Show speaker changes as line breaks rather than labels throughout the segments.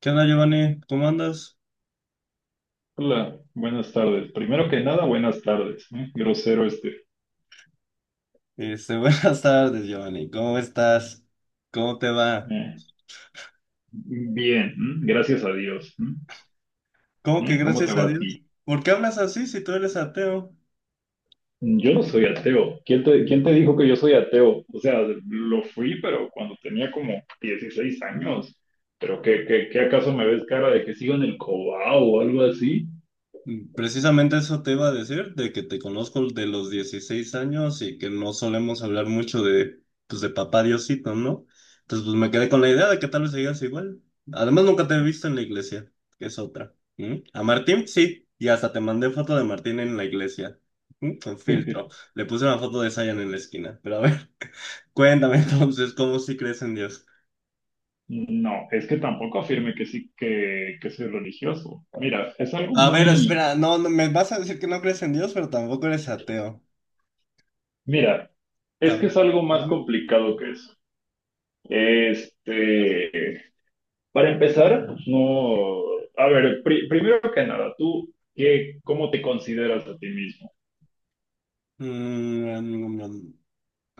¿Qué onda, Giovanni? ¿Cómo andas?
Hola, buenas tardes. Primero que nada, buenas tardes. ¿Eh? Grosero este.
Buenas tardes, Giovanni. ¿Cómo estás? ¿Cómo te va?
Eh, bien, ¿m? Gracias a Dios. ¿M?
¿Cómo que
¿Eh? ¿Cómo te
gracias a
va a
Dios?
ti?
¿Por qué hablas así si tú eres ateo?
Yo no soy ateo. ¿Quién te dijo que yo soy ateo? O sea, lo fui, pero cuando tenía como 16 años. ¿Pero qué acaso me ves cara de que sigo en el cobao o algo así?
Mm, precisamente eso te iba a decir, de que te conozco de los 16 años y que no solemos hablar mucho de, pues, de papá Diosito, ¿no? Entonces, pues me quedé con la idea de que tal vez sigas igual. Además, nunca te he visto en la iglesia, que es otra. ¿Mm? A Martín, sí, y hasta te mandé foto de Martín en la iglesia, ¿mm? Con filtro. Le puse una foto de Zion en la esquina, pero a ver, cuéntame entonces, ¿cómo sí crees en Dios?
No, es que tampoco afirme que soy religioso. Mira, es algo
A ver,
muy...
espera, no, no, me vas a decir que no crees en Dios, pero tampoco eres ateo.
Mira,
A
es que es algo más
ver.
complicado que eso. Este, para empezar, pues no, a ver, primero que nada, ¿tú qué, cómo te consideras a ti mismo?
Mm,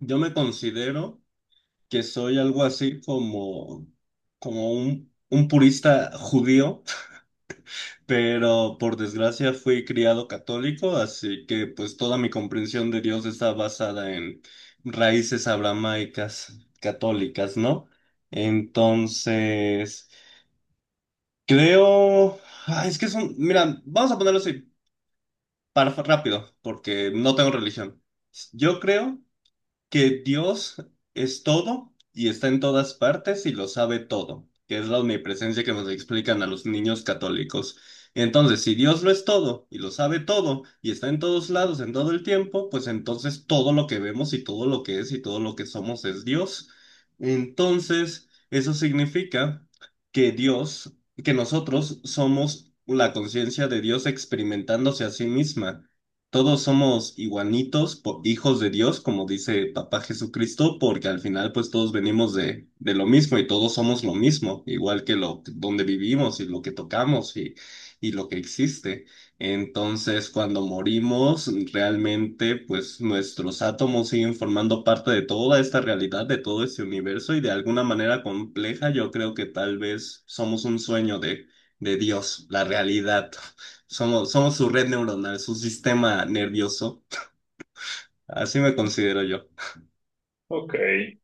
yo me considero que soy algo así como, como un purista judío, pero por desgracia fui criado católico, así que pues toda mi comprensión de Dios está basada en raíces abramaicas católicas, ¿no? Entonces, creo, ah, es que son, mira, vamos a ponerlo así, para rápido, porque no tengo religión. Yo creo que Dios es todo y está en todas partes y lo sabe todo, que es la omnipresencia que nos explican a los niños católicos. Entonces, si Dios lo es todo y lo sabe todo y está en todos lados en todo el tiempo, pues entonces todo lo que vemos y todo lo que es y todo lo que somos es Dios. Entonces, eso significa que Dios, que nosotros somos la conciencia de Dios experimentándose a sí misma. Todos somos igualitos, po- hijos de Dios, como dice Papá Jesucristo, porque al final pues todos venimos de lo mismo y todos somos lo mismo, igual que lo donde vivimos y lo que tocamos y lo que existe. Entonces, cuando morimos, realmente pues nuestros átomos siguen formando parte de toda esta realidad, de todo este universo y de alguna manera compleja, yo creo que tal vez somos un sueño de Dios, la realidad. Somos su red neuronal, su sistema nervioso. Así me considero yo.
Ok,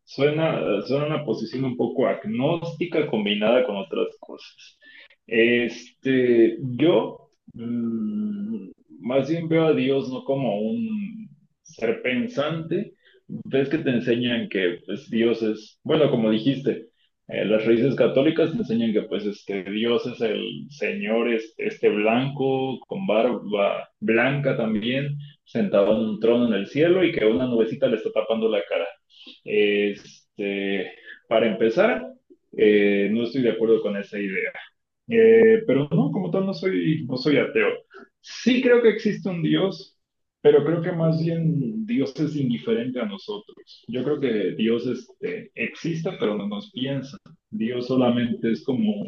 suena una posición un poco agnóstica combinada con otras cosas. Yo más bien veo a Dios no como un ser pensante. Ves que te enseñan que pues, Dios es, bueno, como dijiste, las raíces católicas te enseñan que pues este Dios es el Señor, este blanco, con barba blanca también, sentado en un trono en el cielo y que una nubecita le está tapando la cara. Este, para empezar, no estoy de acuerdo con esa idea. Pero no, como tal, no soy ateo. Sí creo que existe un Dios, pero creo que más bien Dios es indiferente a nosotros. Yo creo que Dios este, existe, pero no nos piensa. Dios solamente es como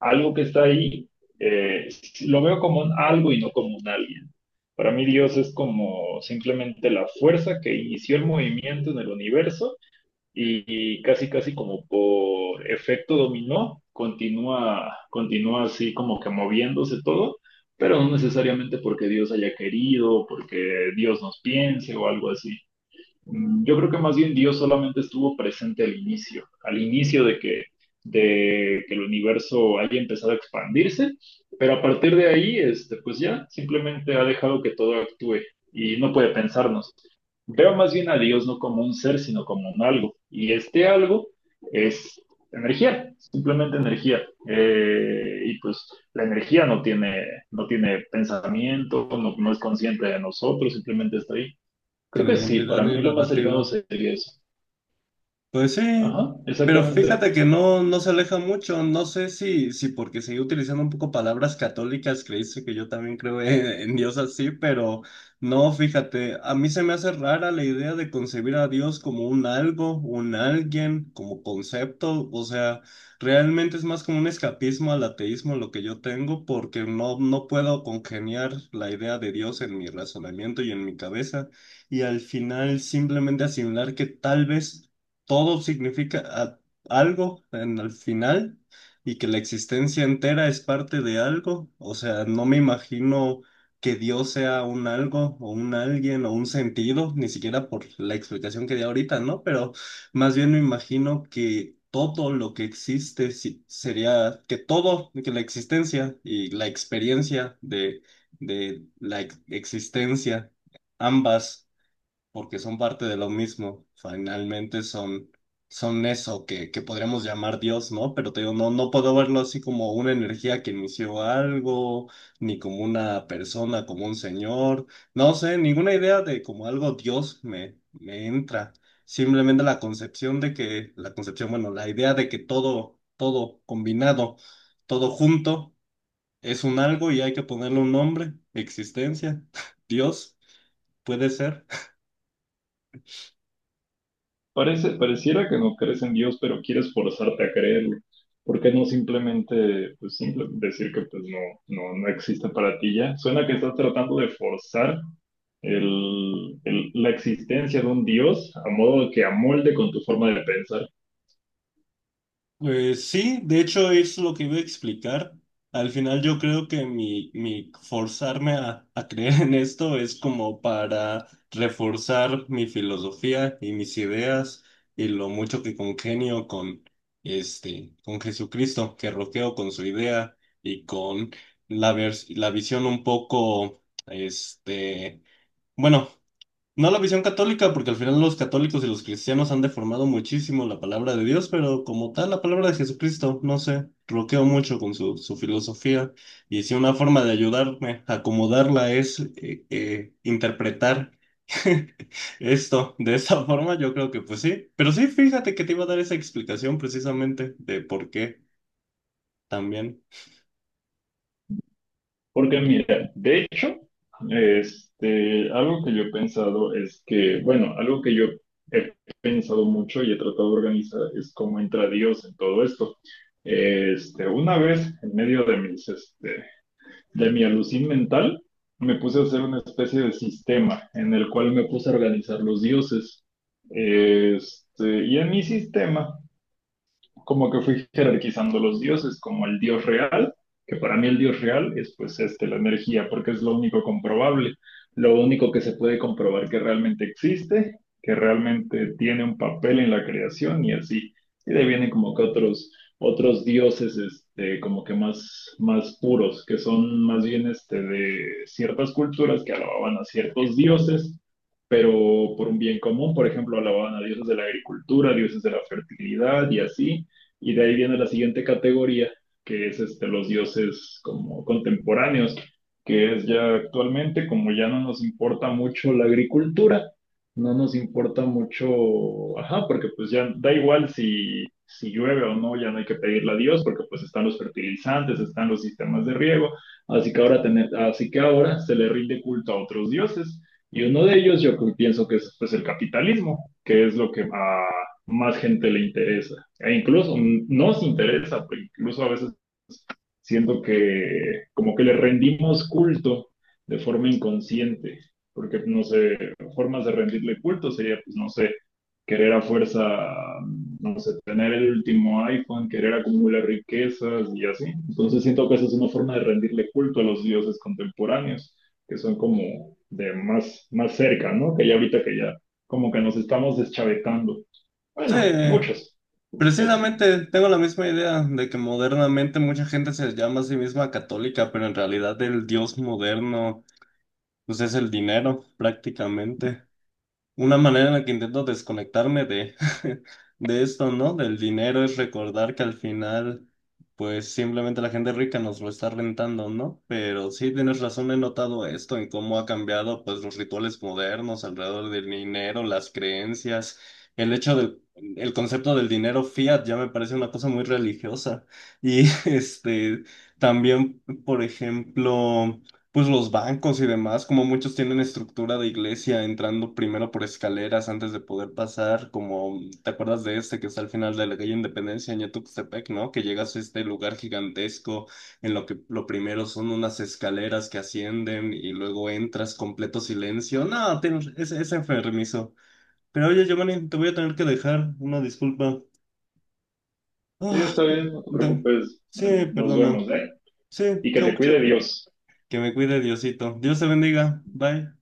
algo que está ahí. eh, lo veo como un algo y no como un alguien. Para mí Dios es como simplemente la fuerza que inició el movimiento en el universo y casi casi como por efecto dominó, continúa así como que moviéndose todo, pero no necesariamente porque Dios haya querido, porque Dios nos piense o algo así. Yo creo que más bien Dios solamente estuvo presente al inicio de que el universo haya empezado a expandirse, pero a partir de ahí, este, pues ya simplemente ha dejado que todo actúe y no puede pensarnos. Veo más bien a Dios no como un ser, sino como un algo. Y este algo es energía, simplemente energía. Y pues la energía no tiene, no tiene pensamiento, no, no es consciente de nosotros, simplemente está ahí. Creo que sí,
Identidad
para mí
y
lo más cercano
narrativa.
sería eso.
Pues sí,
Ajá,
pero
exactamente.
fíjate que no, no se aleja mucho. No sé si, si porque seguí utilizando un poco palabras católicas, creíste que yo también creo en Dios así, pero no, fíjate, a mí se me hace rara la idea de concebir a Dios como un algo, un alguien, como concepto. O sea, realmente es más como un escapismo al ateísmo lo que yo tengo, porque no, no puedo congeniar la idea de Dios en mi razonamiento y en mi cabeza. Y al final simplemente asimilar que tal vez todo significa a- algo en el final y que la existencia entera es parte de algo. O sea, no me imagino que Dios sea un algo o un alguien o un sentido, ni siquiera por la explicación que di ahorita, ¿no? Pero más bien me imagino que todo lo que existe si- sería que todo, que la existencia y la experiencia de la ex- existencia, ambas porque son parte de lo mismo. Finalmente son, son eso que podríamos llamar Dios, ¿no? Pero te digo, no, no puedo verlo así como una energía que inició algo, ni como una persona, como un señor. No sé, ninguna idea de como algo Dios me, me entra. Simplemente la concepción de que, la concepción, bueno, la idea de que todo, todo combinado, todo junto, es un algo y hay que ponerle un nombre, existencia, Dios, puede ser.
Pareciera que no crees en Dios, pero quieres forzarte a creerlo. ¿Por qué no simplemente pues, decir que pues, no existe para ti ya? Suena que estás tratando de forzar la existencia de un Dios a modo que amolde con tu forma de pensar.
Pues sí, de hecho es lo que iba a explicar. Al final yo creo que mi forzarme a creer en esto es como para reforzar mi filosofía y mis ideas y lo mucho que congenio con este, con Jesucristo, que roqueo con su idea y con la vers- la visión un poco, este, bueno, no la visión católica, porque al final los católicos y los cristianos han deformado muchísimo la palabra de Dios, pero como tal, la palabra de Jesucristo, no sé, bloqueo mucho con su, su filosofía. Y si una forma de ayudarme a acomodarla es interpretar esto de esa forma, yo creo que pues sí. Pero sí, fíjate que te iba a dar esa explicación precisamente de por qué también.
Porque mira, de hecho, algo que yo he pensado es que, bueno, algo que yo he pensado mucho y he tratado de organizar es cómo entra Dios en todo esto. Una vez, en medio de mis de mi alucin mental, me puse a hacer una especie de sistema en el cual me puse a organizar los dioses. Y en mi sistema como que fui jerarquizando los dioses como el dios real, que para mí el dios real es pues este, la energía, porque es lo único comprobable, lo único que se puede comprobar que realmente existe, que realmente tiene un papel en la creación y así. Y de ahí vienen como que otros dioses este, como que más puros, que son más bien este, de ciertas culturas que alababan a ciertos dioses, pero por un bien común, por ejemplo, alababan a dioses de la agricultura, dioses de la fertilidad y así, y de ahí viene la siguiente categoría, que es este, los dioses como contemporáneos, que es ya actualmente, como ya no nos importa mucho la agricultura, no nos importa mucho, ajá, porque pues ya da igual si llueve o no, ya no hay que pedirle a Dios, porque pues están los fertilizantes, están los sistemas de riego, así que ahora, así que ahora se le rinde culto a otros dioses, y uno de ellos yo pienso que es pues el capitalismo, que es lo que a más gente le interesa e incluso nos interesa, pues, incluso a veces siento que como que le rendimos culto de forma inconsciente, porque no sé, formas de rendirle culto sería, pues no sé, querer a fuerza, no sé, tener el último iPhone, querer acumular riquezas y así. Entonces siento que esa es una forma de rendirle culto a los dioses contemporáneos, que son como de más cerca, ¿no? Que ya ahorita que ya como que nos estamos deschavetando.
Sí,
Bueno, muchos. Y así.
precisamente tengo la misma idea de que modernamente mucha gente se llama a sí misma católica, pero en realidad el dios moderno pues es el dinero prácticamente. Una manera en la que intento desconectarme de, de esto, ¿no? Del dinero es recordar que al final, pues simplemente la gente rica nos lo está rentando, ¿no? Pero sí tienes razón, he notado esto en cómo ha cambiado, pues, los rituales modernos alrededor del dinero, las creencias, el hecho del el concepto del dinero fiat ya me parece una cosa muy religiosa. Y este, también, por ejemplo. Pues los bancos y demás, como muchos tienen estructura de iglesia, entrando primero por escaleras antes de poder pasar, como te acuerdas de este que está al final de la calle Independencia en Tuxtepec, ¿no? Que llegas a este lugar gigantesco en lo que lo primero son unas escaleras que ascienden y luego entras completo silencio. No, tienes- es enfermizo. Pero oye, Giovanni, te voy a tener que dejar una disculpa.
Sí,
Ah,
está bien, no te
de-
preocupes.
sí,
Ahí nos
perdona.
vemos, ¿eh?
Sí,
Y que
tengo
te
mucho.
cuide Dios.
Que me cuide Diosito. Dios te bendiga. Bye.